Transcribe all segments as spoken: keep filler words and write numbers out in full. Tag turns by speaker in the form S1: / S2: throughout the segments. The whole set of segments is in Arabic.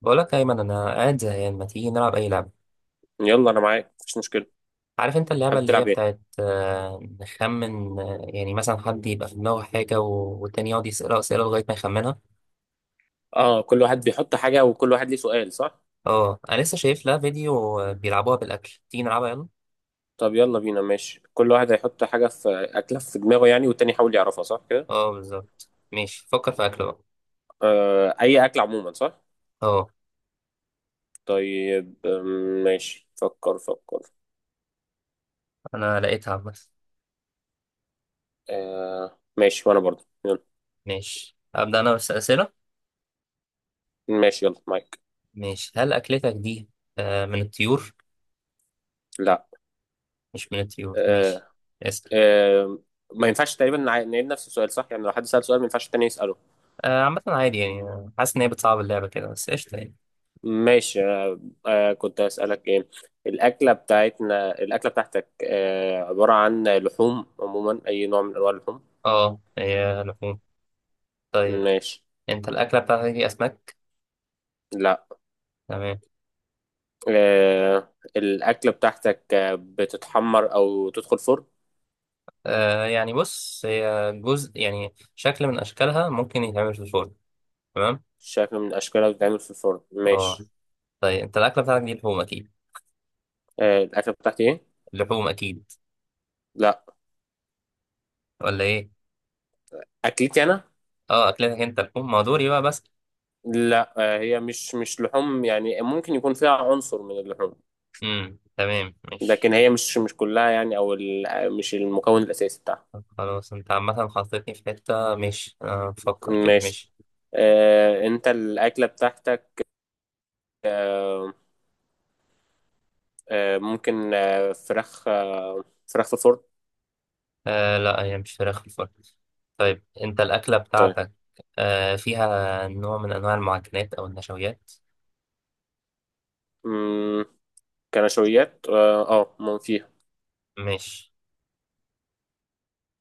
S1: بقولك يا أيمن، أنا قاعد زهقان، ما تيجي نلعب أي لعبة؟
S2: يلا، انا معاك، مفيش مشكله.
S1: عارف أنت اللعبة
S2: حابب
S1: اللي هي
S2: تلعب ايه؟
S1: بتاعت آه، نخمن، آه، يعني مثلا حد يبقى في دماغه حاجة و- والتاني يقعد يسأله أسئلة لغاية ما يخمنها.
S2: اه، كل واحد بيحط حاجه وكل واحد ليه سؤال، صح؟
S1: أه، أنا لسه شايف لها فيديو، آه، بيلعبوها بالأكل. تيجي نلعبها يلا.
S2: طب يلا بينا. ماشي، كل واحد هيحط حاجه في اكله في دماغه، يعني والتاني يحاول يعرفها، صح كده؟
S1: أه، بالظبط. ماشي، فكر في أكل بقى.
S2: آه، اي اكل عموما، صح؟
S1: أه.
S2: طيب، آم، ماشي فكر فكر.
S1: أنا لقيتها بس.
S2: آه، ماشي وانا برضه. يلا.
S1: ماشي، أبدأ أنا بس أسئلة.
S2: ماشي، يلا معاك.
S1: ماشي، هل أكلتك دي آه، من الطيور؟
S2: لا.
S1: مش من الطيور، ماشي.
S2: آه.
S1: اسأل.
S2: آه. ما ينفعش تقريبا نع- نعيد نفس السؤال، صح؟ يعني لو حد سأل سؤال، ما ينفعش التاني يسأله.
S1: آه، عامة عادي يعني، آه، حاسس إن هي بتصعب اللعبة كده، بس قشطة يعني.
S2: ماشي أنا. آه، كنت أسألك إيه. الأكلة بتاعتنا، الأكلة بتاعتك آه، عبارة عن لحوم عموما، أي نوع من أنواع اللحوم؟
S1: أه، هي لحوم. طيب،
S2: ماشي.
S1: انت الاكله بتاعتك دي اسماك؟
S2: لا.
S1: تمام.
S2: آه، الأكلة بتاعتك آه، بتتحمر أو تدخل فرن؟
S1: آه يعني بص، هي جزء، يعني شكل من اشكالها ممكن يتعمل في شوربه. تمام.
S2: شكل من أشكالها بتتعمل في الفرن.
S1: اه.
S2: ماشي.
S1: طيب، انت الاكله بتاعتك دي لحوم اكيد؟
S2: آه، الأكلة بتاعتي إيه؟
S1: لحوم اكيد؟
S2: لا.
S1: ولا ايه؟
S2: أكلتي أنا؟
S1: اه، اكلتك انت لحوم؟ ما دوري بقى بس.
S2: لا، آه، هي مش مش لحوم، يعني ممكن يكون فيها عنصر من اللحوم.
S1: امم تمام، ماشي.
S2: لكن هي مش مش كلها يعني، أو ال- مش المكون الأساسي بتاعها.
S1: طب خلاص، انت عامه حطيتني في حته. ماشي، انا بفكر كده.
S2: ماشي.
S1: ماشي.
S2: آه، انت الاكله بتاعتك، آه، آه، ممكن آه، فراخ آه، فراخ في فرن؟
S1: آه لا، هي مش فراخ في الفرن. طيب، انت الاكله
S2: طيب.
S1: بتاعتك آه فيها نوع من انواع المعجنات او النشويات؟
S2: مم، كنشويات اه آه، ما فيها.
S1: ماشي.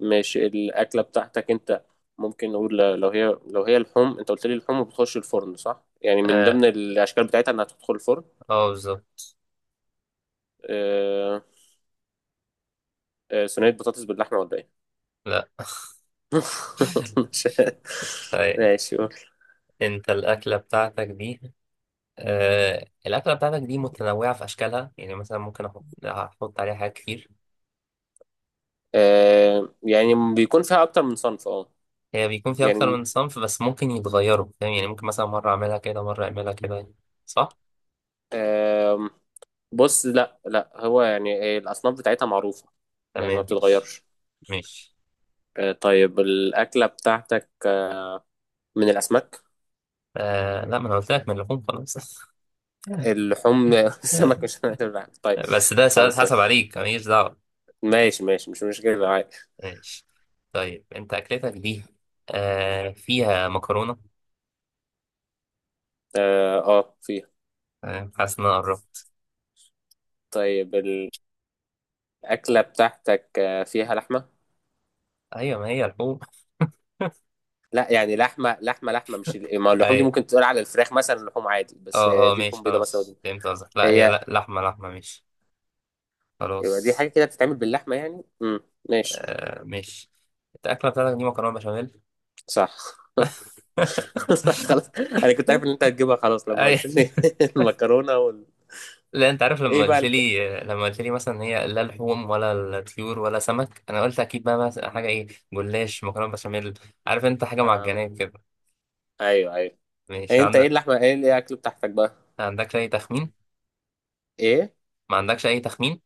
S2: ماشي، الاكله بتاعتك انت. ممكن نقول لو هي لو هي لحوم، انت قلت لي اللحوم بتخش الفرن، صح؟ يعني من
S1: اه.
S2: ضمن الاشكال بتاعتها انها تدخل الفرن.
S1: آه، بالظبط.
S2: آه، آه، صينيه بطاطس باللحمه، ولا ايه؟
S1: لا.
S2: مش-
S1: طيب،
S2: ماشي. قول.
S1: انت الاكله بتاعتك دي، آه الاكله بتاعتك دي متنوعه في اشكالها، يعني مثلا ممكن احط احط عليها حاجات كتير؟
S2: آه، يعني بيكون فيها اكتر من صنف اه
S1: هي بيكون فيها
S2: يعني
S1: اكتر من صنف، بس ممكن يتغيروا فاهم، يعني ممكن مثلا مره اعملها كده، مره اعملها كده. صح.
S2: بص، لا، لا، هو يعني إيه، الأصناف بتاعتها معروفة. يعني ما
S1: تمام. مش.
S2: بتتغيرش.
S1: مش.
S2: آه، طيب، الأكلة بتاعتك آه، من الأسماك؟
S1: آه لا، ما انا قلت لك من اللحوم خلاص.
S2: اللحوم السمك مش هنقدر نعمل. طيب.
S1: بس ده سؤال
S2: خلاص.
S1: حسب
S2: ماشي.
S1: عليك، ماليش دعوه.
S2: ماشي ماشي، مش مشكلة، عادي.
S1: ماشي. طيب، انت اكلتك دي آه فيها مكرونه.
S2: اه، آه، فيها.
S1: آه، حاسس ان انا قربت.
S2: طيب. الأكلة بتاعتك آه، فيها لحمة؟
S1: ايوه، ما هي لحوم.
S2: لا، يعني لحمة لحمة لحمة، مش ال- ما اللحوم دي
S1: ايوه.
S2: ممكن تقول على الفراخ مثلا لحوم عادي، بس آه،
S1: اه، اه،
S2: دي
S1: ماشي
S2: لحوم بيضاء مثلا،
S1: خلاص،
S2: ودي.
S1: فهمت قصدك. لا هي
S2: هي.
S1: لا لحمة لحمة ماشي،
S2: يبقى دي
S1: خلاص.
S2: حاجة كده بتتعمل باللحمة، يعني امم ماشي.
S1: آه، ماشي. انت الأكلة بتاعتك دي مكرونة بشاميل.
S2: صح. صح، خلاص. انا كنت عارف ان انت هتجيبها، خلاص لما
S1: أي.
S2: قلت لي. المكرونه وال...
S1: لا، انت عارف، لما
S2: ايه بقى
S1: قلت
S2: الت...
S1: لي لما قلت لي مثلا هي لا لحوم ولا الطيور ولا سمك، انا قلت اكيد بقى مثلا حاجة ايه. جلاش، مكرونة بشاميل. عارف انت، حاجة
S2: اه،
S1: معجنات كده.
S2: ايوه، ايوه. إيه
S1: ماشي،
S2: انت؟ ايه
S1: عندك؟
S2: اللحمه؟ ايه ايه الاكل بتاعتك بقى؟
S1: ما عندكش اي تخمين؟
S2: ايه؟
S1: ما عندكش اي تخمين؟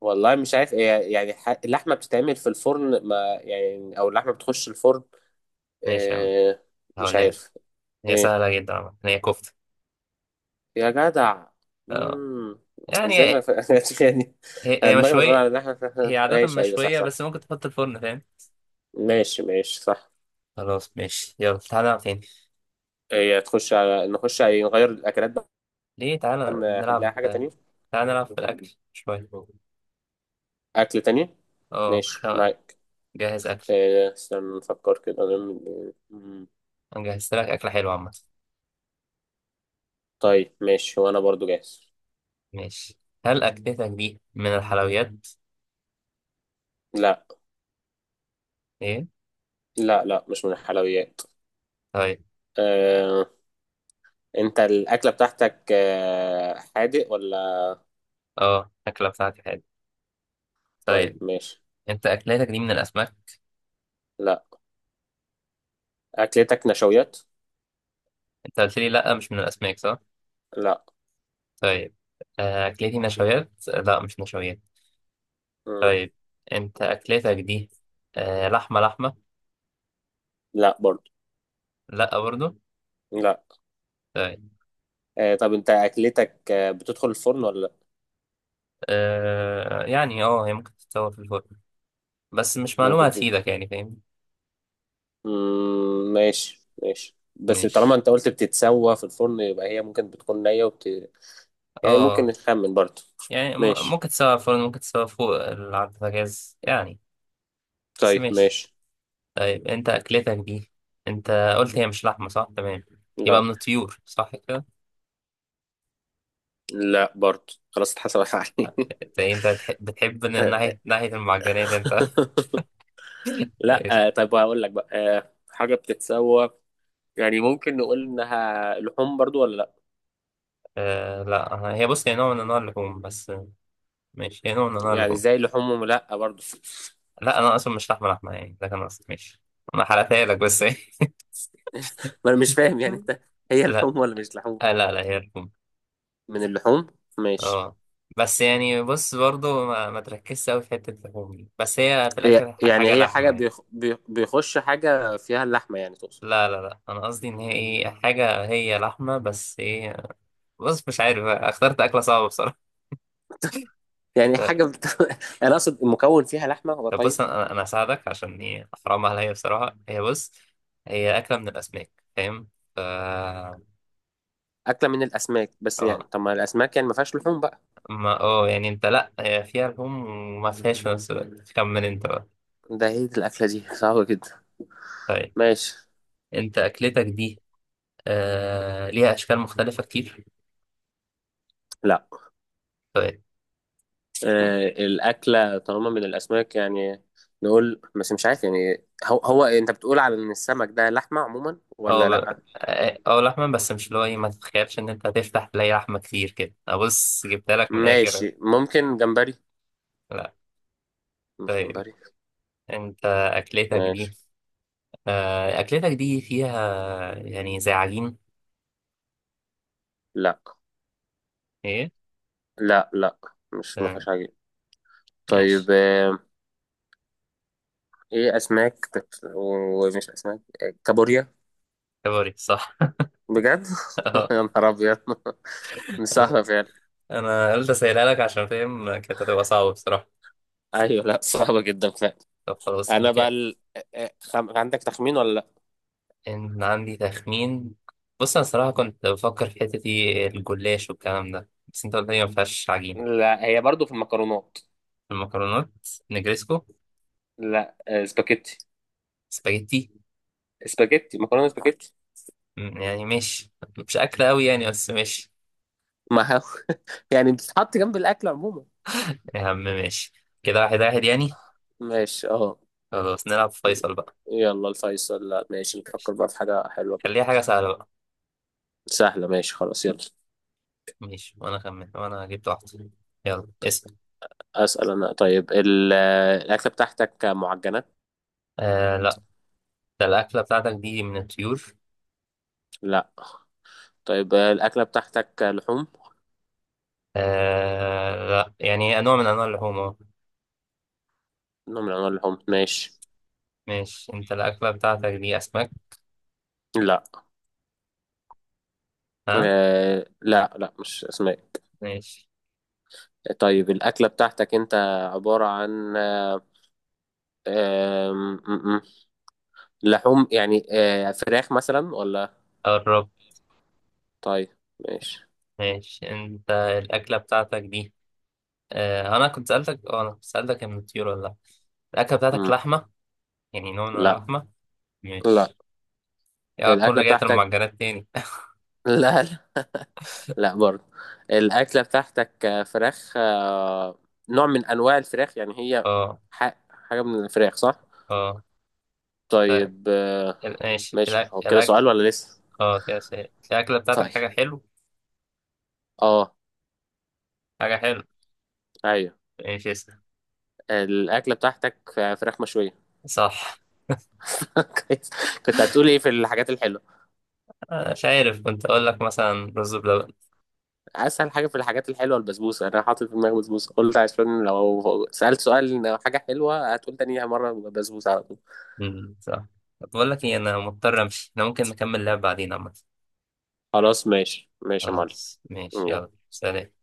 S2: والله مش عارف ايه. يعني ح... اللحمه بتتعمل في الفرن، ما. يعني او اللحمه بتخش الفرن؟
S1: ماشي يا عم،
S2: إيه؟ مش
S1: هقولها لك.
S2: عارف.
S1: هي
S2: ايه؟
S1: سهلة جدا عم. هي كفتة.
S2: يا جدع.
S1: اه.
S2: امم.
S1: يعني
S2: ازاي ما
S1: هي
S2: ف... يعني. انا
S1: هي
S2: دماغي مشغوله
S1: مشوية.
S2: على اللحمه
S1: هي
S2: ف-
S1: عادة
S2: ماشي، ايوه، صح
S1: مشوية،
S2: صح.
S1: بس ممكن تحط الفرن فاهم.
S2: ماشي ماشي، صح.
S1: خلاص ماشي، يلا تعالى نلعب تاني.
S2: هي تخش على نخش على نغير الاكلات بقى.
S1: ليه، تعالى
S2: نخليها
S1: نلعب.
S2: حاجه تانية.
S1: تعالى نلعب في الأكل شوية.
S2: اكل تاني.
S1: اه خ...
S2: ماشي معاك.
S1: جهز أكل.
S2: آه، استنى نفكر كده نعمل إيه. مم.
S1: أنا جهزت لك أكلة حلوة عامة.
S2: طيب ماشي، وانا برضو جاهز.
S1: ماشي. هل أكلتك دي من الحلويات؟
S2: لا.
S1: ايه؟
S2: لا، لا، مش من الحلويات.
S1: طيب.
S2: آه، انت الاكله بتاعتك آه، حادق ولا؟
S1: اه، الأكلة بتاعتي حلوة.
S2: طيب
S1: طيب.
S2: ماشي.
S1: أنت أكلتك دي من الأسماك؟
S2: لا. اكلتك نشويات؟
S1: أنت قلت لي لأ، مش من الأسماك صح؟
S2: لا.
S1: طيب. آه، أكلتي نشويات؟ لأ، مش نشويات.
S2: مم.
S1: طيب، أنت أكلتك دي آه، لحمة لحمة؟
S2: لا برضو.
S1: لأ برضو.
S2: لا.
S1: طيب.
S2: آه، طب انت اكلتك آه، بتدخل الفرن ولا لا؟
S1: آه يعني اه هي ممكن تتطور في الفرن، بس مش معلومة
S2: ممكن
S1: هتفيدك
S2: تدخل.
S1: يعني فاهم.
S2: مم، ماشي، ماشي، بس طالما
S1: مش.
S2: انت قلت بتتسوى في الفرن، يبقى هي ممكن بتكون نية وبت... يعني ممكن
S1: اه.
S2: نخمن برضو.
S1: يعني م-
S2: ماشي.
S1: ممكن تسوي على الفرن، ممكن تسوي فوق ال- على البوتاجاز يعني. بس
S2: طيب
S1: ماشي.
S2: ماشي.
S1: طيب، انت اكلتك دي، انت قلت هي مش لحمة صح تمام؟ يبقى
S2: لا.
S1: من الطيور صح كده؟
S2: لا برضه، خلاص اتحسبت عليه.
S1: انت انت بتح- بتحب ن-
S2: آه.
S1: ناحية ناحية المعجنات انت. ماشي.
S2: لا. آه، طيب هقول لك بقى آه، حاجة بتتسوى. يعني ممكن نقول انها لحوم برضو، ولا لا؟
S1: آه لا، هي بص، هي نوع من انواع اللحوم بس. ماشي، هي نوع من انواع
S2: يعني
S1: اللحوم.
S2: زي لحوم، ولا لا برضو.
S1: لا انا اصلا مش لحمة لحمة يعني، ده كان قصدي. ماشي، انا حرقتها لك بس.
S2: ما انا مش فاهم يعني انت. هي
S1: لا،
S2: لحوم ولا مش لحوم؟
S1: آه لا لا، هي الروم.
S2: من اللحوم؟ ماشي.
S1: اه. بس يعني بص، برضو ما, ما تركزش قوي في حتة اللحوم دي، بس هي في
S2: هي
S1: الآخر ح-
S2: يعني
S1: حاجة
S2: هي حاجة،
S1: لحمة يعني.
S2: بيخ... بي- بيخش حاجة فيها اللحمة، يعني تقصد؟
S1: لا لا لا، أنا قصدي إن هي إيه، حاجة هي لحمة بس إيه. بص مش عارف بقى، اخترت أكلة صعبة بصراحة.
S2: يعني
S1: ط-
S2: حاجة بت... انا اقصد المكون فيها لحمة، هو
S1: طب بص،
S2: طيب.
S1: أنا أنا هساعدك عشان إيه، أحرام عليا بصراحة. هي بص، هي أكلة من الأسماك فاهم. ف
S2: أكلة من الأسماك؟ بس يعني
S1: اه.
S2: طب ما الأسماك، يعني ما فيهاش لحوم بقى.
S1: ما، اه يعني، أنت لأ، هي فيها لحوم وما فيهاش في نفس الوقت. خمن أنت بقى.
S2: ده هي الأكلة دي صعبة جدا.
S1: طيب.
S2: ماشي.
S1: أنت أكلتك دي آه ليها أشكال مختلفة كتير؟
S2: لا،
S1: طيب.
S2: آه الأكلة طالما من الأسماك يعني. نقول بس مش عارف يعني، هو, هو أنت بتقول على إن السمك ده لحمة عموما، ولا
S1: أو،
S2: لأ؟
S1: أو لحمة بس، مش اللي هو إيه، ما تتخيلش إن أنت هتفتح تلاقي لحمة كتير كده. أبص جبتها لك من الآخر.
S2: ماشي. ممكن جمبري؟
S1: لا.
S2: مش
S1: طيب،
S2: جمبري.
S1: أنت أكلتك
S2: ماشي.
S1: دي آه أكلتك دي فيها يعني زي عجين؟
S2: لأ،
S1: إيه.
S2: لأ. لأ، مش، ما
S1: تمام.
S2: فيهاش حاجة.
S1: ماشي.
S2: طيب آه إيه، أسماك بت... ومش أسماك، آه، كابوريا؟
S1: كابوري، صح.
S2: بجد؟ يا نهار أبيض. مش
S1: أنا
S2: صعبة فعلا.
S1: أنا قلت أسألها لك عشان فاهم، كانت هتبقى صعبة بصراحة.
S2: أيوة، لأ صعبة جدا فعلا.
S1: طب خلاص، احنا
S2: أنا بقى
S1: كده.
S2: ال... آه، آه، خم... عندك تخمين ولا لأ؟
S1: إن عندي تخمين. بص أنا صراحة كنت بفكر في حتة إيه، الجلاش والكلام ده، بس أنت قلت لي ما فيهاش عجينة.
S2: لا، هي برضو في المكرونات.
S1: المكرونات. نجريسكو.
S2: لا، آه، سباكيتي.
S1: سباجيتي.
S2: سباكيتي، مكرونه سباكيتي.
S1: م، يعني ماشي. مش أكل أوي يعني، بس ماشي.
S2: ما هو. يعني بتتحط جنب الاكل عموما.
S1: يا عم ماشي. كده واحد واحد يعني.
S2: ماشي. اه.
S1: خلاص، نلعب فيصل بقى.
S2: يلا الفيصل. لا ماشي، نفكر
S1: ماشي.
S2: بقى في حاجه حلوه كده.
S1: خليها حاجة سهلة بقى.
S2: سهله ماشي، خلاص يلا.
S1: ماشي، وأنا خمن وأنا جبت واحدة. يلا اسم.
S2: اسال انا. طيب ال- الاكله بتاعتك معجنات؟
S1: آه لا. ده الأكلة بتاعتك دي من الطيور؟
S2: لا. طيب، الاكله بتاعتك لحوم؟
S1: آه لا، يعني نوع من أنواع اللحوم أهو.
S2: نوع من انواع اللحوم. ماشي.
S1: ماشي، أنت الأكلة بتاعتك دي أسماك؟
S2: لا.
S1: ها.
S2: آه لا، لا، مش اسماء.
S1: ماشي،
S2: طيب، الاكله بتاعتك انت. عباره عن آه آه لحوم، يعني آه، فراخ مثلا ولا؟
S1: قرب.
S2: طيب، ماشي.
S1: ماشي، انت الأكلة بتاعتك دي، اه أنا كنت سألتك اه أنا كنت سألتك من الطيور ولا لأ؟ الأكلة بتاعتك
S2: مم.
S1: لحمة؟ يعني نوع من
S2: لا.
S1: اللحمة.
S2: لا.
S1: ماشي، يا أكون
S2: الأكلة
S1: رجعت
S2: بتاعتك.
S1: المعجنات تاني.
S2: لا، لا، لا برضه. الأكلة بتاعتك آه، فراخ آه، نوع من أنواع الفراخ يعني، هي.
S1: اه،
S2: ح- حاجة من الفراخ، صح؟
S1: اه. طيب،
S2: طيب آه،
S1: ال- ماشي
S2: ماشي،
S1: الأك-
S2: هو كده
S1: الأكل.
S2: سؤال ولا لسه؟
S1: اه كده سهل، الأكلة
S2: طيب،
S1: بتاعتك حاجة حلو؟
S2: اه،
S1: حاجة حلو.
S2: ايوه.
S1: ماشي، اسأل.
S2: الأكلة بتاعتك آه، فراخ مشوية؟
S1: صح.
S2: كويس. كنت هتقول ايه في الحاجات الحلوة؟
S1: أنا مش عارف، كنت أقول لك مثلا رز بلبن.
S2: اسهل حاجه في الحاجات الحلوه البسبوسه، انا حاطط في دماغي بسبوسه، قلت عشان لو سالت سؤال لو حاجه حلوه هتقول تانيها مره بسبوسه على طول.
S1: مم، صح. طب بقول لك إيه، أنا مضطر أمشي، أنا ممكن نكمل لعب بعدين عامة.
S2: خلاص، ماشي، ماشي يا معلم.
S1: خلاص ماشي، يلا
S2: يلا.
S1: سلام.